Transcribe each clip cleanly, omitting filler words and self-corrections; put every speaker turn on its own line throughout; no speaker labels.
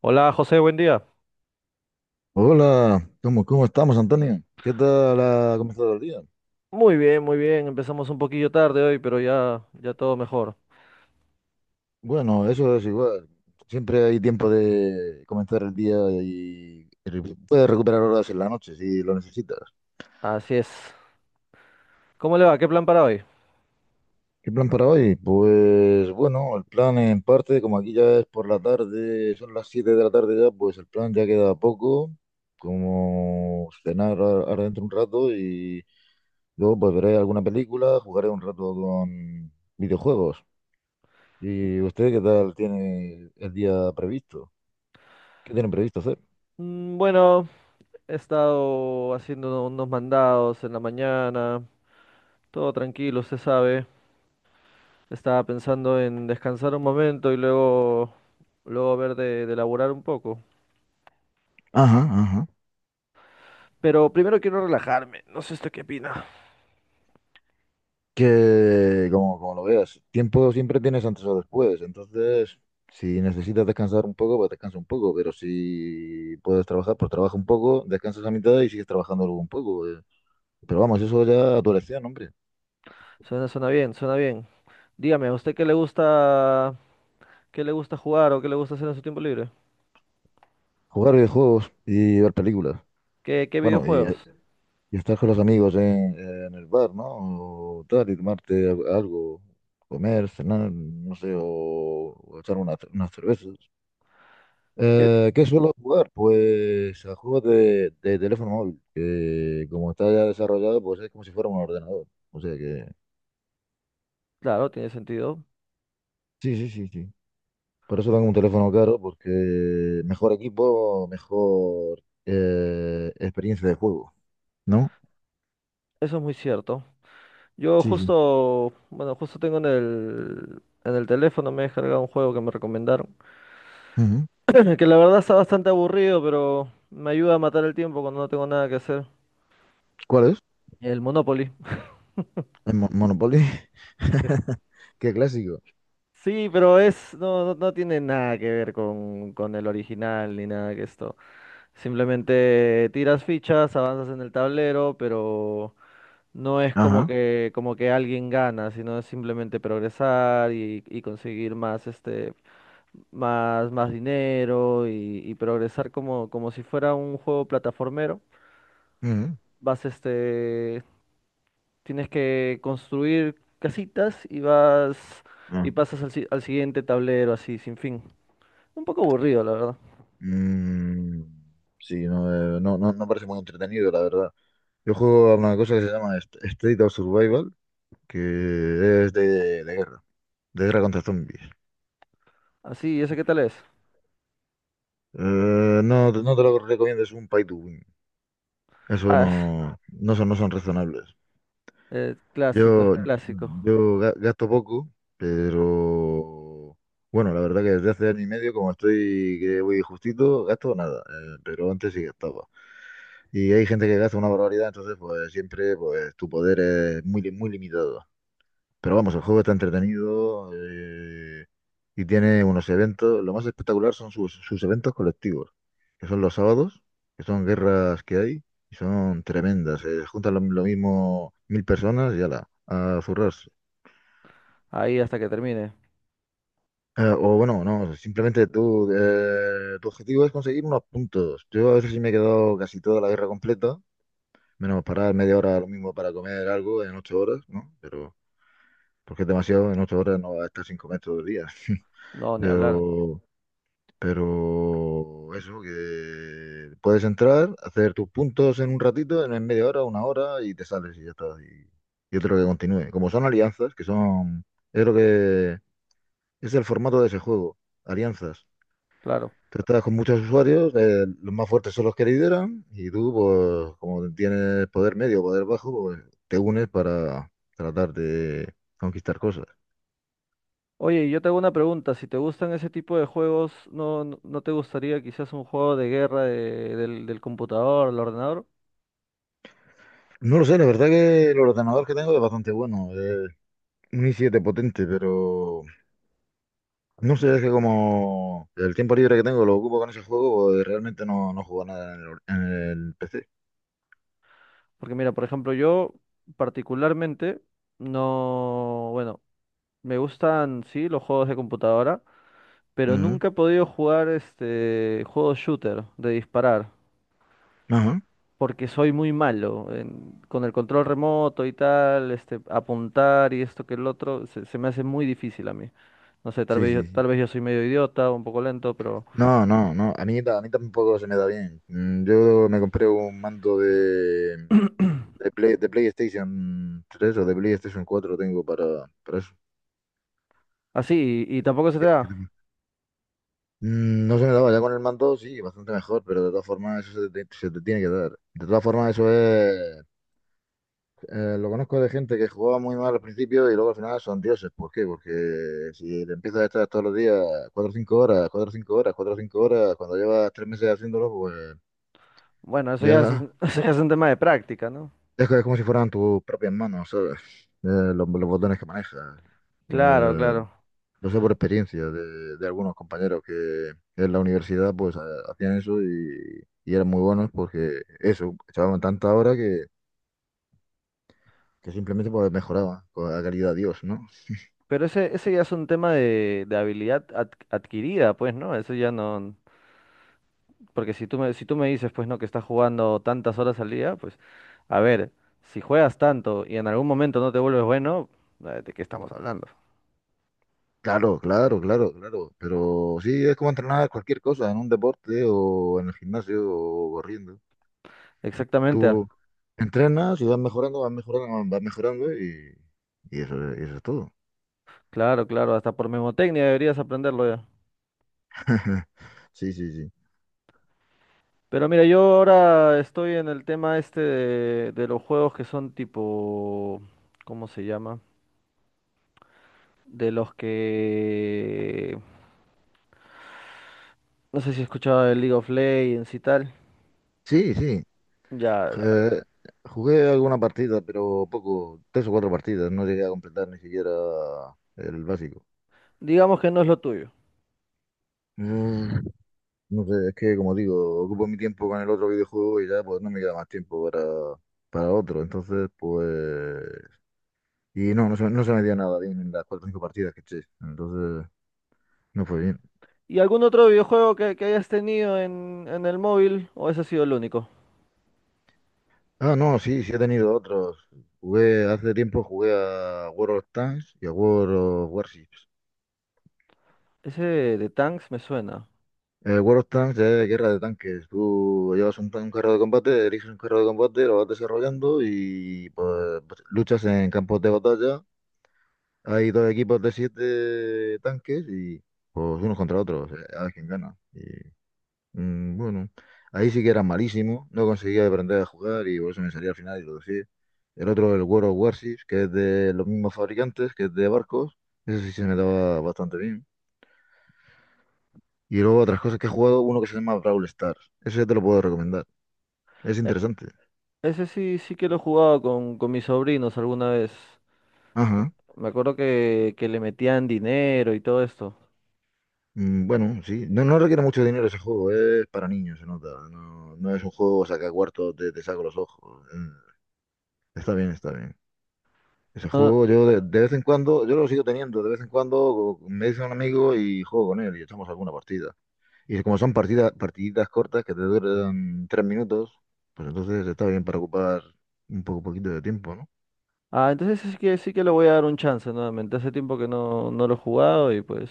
Hola José, buen día.
Hola, ¿cómo estamos, Antonio? ¿Qué tal ha comenzado el día?
Muy bien, muy bien. Empezamos un poquillo tarde hoy, pero ya, ya todo mejor.
Bueno, eso es igual. Siempre hay tiempo de comenzar el día y puedes recuperar horas en la noche si lo necesitas.
Así es. ¿Cómo le va? ¿Qué plan para hoy?
¿Qué plan para hoy? Pues bueno, el plan en parte, como aquí ya es por la tarde, son las 7 de la tarde ya, pues el plan ya queda poco, como ahora dentro un rato y luego pues veré alguna película, jugaré un rato con videojuegos. ¿Y usted qué tal tiene el día previsto? ¿Qué tienen previsto hacer?
Mm, bueno, he estado haciendo unos mandados en la mañana, todo tranquilo, usted sabe. Estaba pensando en descansar un momento y luego ver de laburar un poco.
Ajá, ajá.
Pero primero quiero relajarme. No sé usted qué opina.
Que, como lo veas, tiempo siempre tienes antes o después. Entonces, si necesitas descansar un poco, pues descansa un poco. Pero si puedes trabajar, pues trabaja un poco, descansas a mitad y sigues trabajando luego un poco, pero vamos, eso ya a tu elección, hombre.
Suena bien, suena bien. Dígame, ¿a usted qué le gusta jugar o qué le gusta hacer en su tiempo libre?
Jugar videojuegos y ver películas.
¿Qué
Bueno, y,
videojuegos?
Y estar con los amigos en el bar, ¿no? O tal, y algo, comer, cenar, no sé, o echar unas cervezas.
¿Qué
¿Qué suelo jugar? Pues a juegos de teléfono móvil, que como está ya desarrollado, pues es como si fuera un ordenador. O sea que...
Claro, tiene sentido.
Sí, sí, sí, sí. Por eso tengo un teléfono caro, porque mejor equipo, mejor experiencia de juego, ¿no?
Eso es muy cierto. Yo
Sí, sí.
justo, bueno, justo tengo en el teléfono, me he descargado un juego que me recomendaron.
Ujú.
Que la verdad está bastante aburrido, pero me ayuda a matar el tiempo cuando no tengo nada que hacer.
¿Cuál es?
El Monopoly.
El Monopoly. Qué clásico.
Sí, pero es, no, no, no tiene nada que ver con el original ni nada que esto. Simplemente tiras fichas, avanzas en el tablero, pero no es como
Ajá.
que, como que alguien gana, sino es simplemente progresar y conseguir más, más dinero y progresar como si fuera un juego plataformero.
Ujú.
Vas, tienes que construir casitas y vas
Ah,
y pasas al siguiente tablero así, sin fin. Un poco aburrido, la verdad.
mm, sí, no, no parece muy entretenido, la verdad. Yo juego a una cosa que se llama State of Survival, que es de guerra, de guerra contra zombies.
Así, ¿ese qué tal es?
No, no te lo recomiendo, es un pay to win. Eso
Ah,
no, no son, no son razonables.
clásico, es
Yo,
clásico.
gasto poco, pero bueno, la verdad que desde hace 1 año y medio, como estoy que voy justito, gasto nada, pero antes sí gastaba. Y hay gente que gasta una barbaridad, entonces pues siempre pues tu poder es muy, muy limitado. Pero vamos, el juego está entretenido, y tiene unos eventos. Lo más espectacular son sus, sus eventos colectivos, que son los sábados, que son guerras que hay. Y son tremendas, se juntan lo mismo 1.000 personas y ala, a zurrarse.
Ahí hasta que termine.
O bueno, no, simplemente tú, tu objetivo es conseguir unos puntos. Yo a veces sí me he quedado casi toda la guerra completa, menos parar 30 minutos lo mismo para comer algo en 8 horas, ¿no? Pero, porque es demasiado, en 8 horas no vas a estar sin comer todo el día.
No, ni hablar,
Pero, pero eso, que puedes entrar, hacer tus puntos en un ratito, en 30 minutos, 1 hora, y te sales y ya está. Y otro que continúe. Como son alianzas, que son, es lo que es el formato de ese juego, alianzas.
claro.
Tratas con muchos usuarios, los más fuertes son los que lideran y tú, pues, como tienes poder medio o poder bajo, pues te unes para tratar de conquistar cosas.
Oye, y yo te hago una pregunta, si te gustan ese tipo de juegos, ¿no te gustaría quizás un juego de guerra del computador, del ordenador?
No lo sé, la verdad que el ordenador que tengo es bastante bueno, es un i7 potente, pero no sé, es que como el tiempo libre que tengo lo ocupo con ese juego, pues realmente no, no juego a nada en el, en el PC.
Porque mira, por ejemplo, yo particularmente no, bueno, me gustan sí los juegos de computadora, pero
Ujú.
nunca he podido jugar este juego shooter de disparar,
Ajá,
porque soy muy malo con el control remoto y tal, este apuntar y esto que el otro se me hace muy difícil a mí. No sé, tal
sí,
vez yo,
sí, sí.
tal vez yo soy medio idiota, un poco lento, pero
No, no, no, a mí, a mí tampoco se me da bien. Yo me compré un mando de de PlayStation 3 o de PlayStation 4 tengo para eso.
así y tampoco se te
Que
da.
tengo. No se me daba ya con el mando, sí, bastante mejor, pero de todas formas eso se te tiene que dar. De todas formas eso es... lo conozco de gente que jugaba muy mal al principio y luego al final son dioses. ¿Por qué? Porque si le empiezas a estar todos los días 4 o 5 horas, 4 o 5 horas, 4 o 5 horas, cuando llevas 3 meses haciéndolo, pues
Bueno, eso ya es,
ya,
eso ya es un tema de práctica, ¿no?
ya es como si fueran tus propias manos, ¿sabes? Los botones que manejas.
Claro,
Eh,
claro.
Yo sé por experiencia de algunos compañeros que en la universidad pues hacían eso y eran muy buenos porque eso, echaban tanta hora que simplemente pues mejoraban con la calidad de Dios, ¿no?
Pero ese ya es un tema de habilidad adquirida, pues, ¿no? Eso ya no. Porque si tú me dices, pues, no, que estás jugando tantas horas al día, pues, a ver, si juegas tanto y en algún momento no te vuelves bueno, ¿de qué estamos hablando?
Claro, claro, claro, claro. Pero sí, es como entrenar cualquier cosa en un deporte o en el gimnasio o corriendo.
Exactamente,
Tú entrenas y vas mejorando, vas mejorando, vas mejorando y eso es todo.
claro, claro, hasta por memotecnia deberías aprenderlo ya.
Sí, sí, sí.
Pero mira, yo ahora estoy en el tema este de los juegos que son tipo, ¿cómo se llama? De los que, no sé si escuchaba el League of Legends y tal.
Sí, sí,
Ya,
Eh, jugué alguna partida, pero poco, 3 o 4 partidas, no llegué a completar ni siquiera el básico.
digamos que no es lo tuyo.
Mm, no sé, es que como digo, ocupo mi tiempo con el otro videojuego y ya pues no me queda más tiempo para otro, entonces pues... Y no, no se, no se me dio nada bien en las 4 o 5 partidas que eché, entonces no fue bien.
¿Y algún otro videojuego que hayas tenido en el móvil? ¿O ese ha sido el único?
Ah, no, sí, sí he tenido otros. Jugué, hace tiempo jugué a World of Tanks y a World of Warships.
Ese de Tanks me suena.
War of Tanks es guerra de tanques. Tú llevas un carro de combate, eliges un carro de combate, lo vas desarrollando y pues, pues, luchas en campos de batalla. Hay dos equipos de 7 tanques y pues unos contra otros, a ver quién gana. Mm, bueno, ahí sí que era malísimo, no conseguía aprender a jugar y por eso me salía al final y lo dejé. El otro, el World of Warships, que es de los mismos fabricantes, que es de barcos. Ese sí se me daba bastante bien. Y luego otras cosas que he jugado, uno que se llama Brawl Stars. Ese te lo puedo recomendar. Es
E-
interesante.
ese sí, sí que lo he jugado con mis sobrinos alguna vez.
Ajá.
Me acuerdo que le metían dinero y todo esto.
Bueno, sí. No, no requiere mucho dinero ese juego, es para niños, se nota. No, no es un juego saca cuartos te, te saco los ojos. Está bien, está bien. Ese
No-
juego yo de vez en cuando, yo lo sigo teniendo, de vez en cuando me dice un amigo y juego con él y echamos alguna partida. Y como son partidas, partiditas cortas que te duran 3 minutos, pues entonces está bien para ocupar un poco poquito de tiempo, ¿no?
Ah, entonces sí que le voy a dar un chance nuevamente. Hace tiempo que no lo he jugado y pues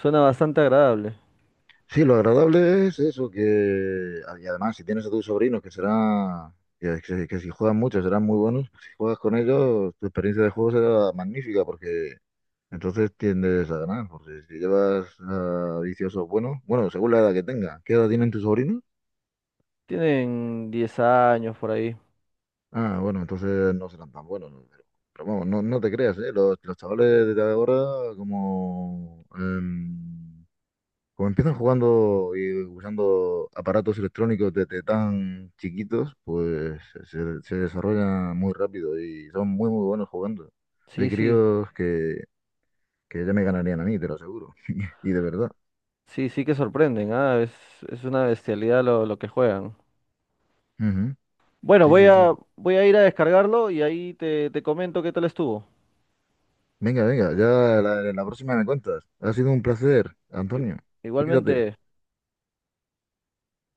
suena bastante agradable.
Sí, lo agradable es eso, y además si tienes a tus sobrinos que será que, que si juegan mucho serán muy buenos, si juegas con ellos, tu experiencia de juego será magnífica porque entonces tiendes a ganar, porque si llevas a viciosos buenos, bueno, según la edad que tenga, ¿qué edad tienen tus sobrinos?
Tienen 10 años por ahí.
Ah, bueno, entonces no serán tan buenos, ¿no? Pero vamos, no, no te creas, ¿eh? Los chavales de ahora como em, como empiezan jugando y usando aparatos electrónicos desde tan chiquitos, pues se desarrollan muy rápido y son muy, muy buenos jugando.
Sí,
Hay
sí,
críos que ya me ganarían a mí, te lo aseguro. Y de verdad.
sí, sí que sorprenden, ah, es una bestialidad lo que juegan.
Ujú.
Bueno,
Sí,
voy
sí, sí.
a, voy a ir a descargarlo y ahí te comento qué tal estuvo.
Venga, venga, ya la próxima me cuentas. Ha sido un placer,
I-
Antonio. Cuídate.
Igualmente.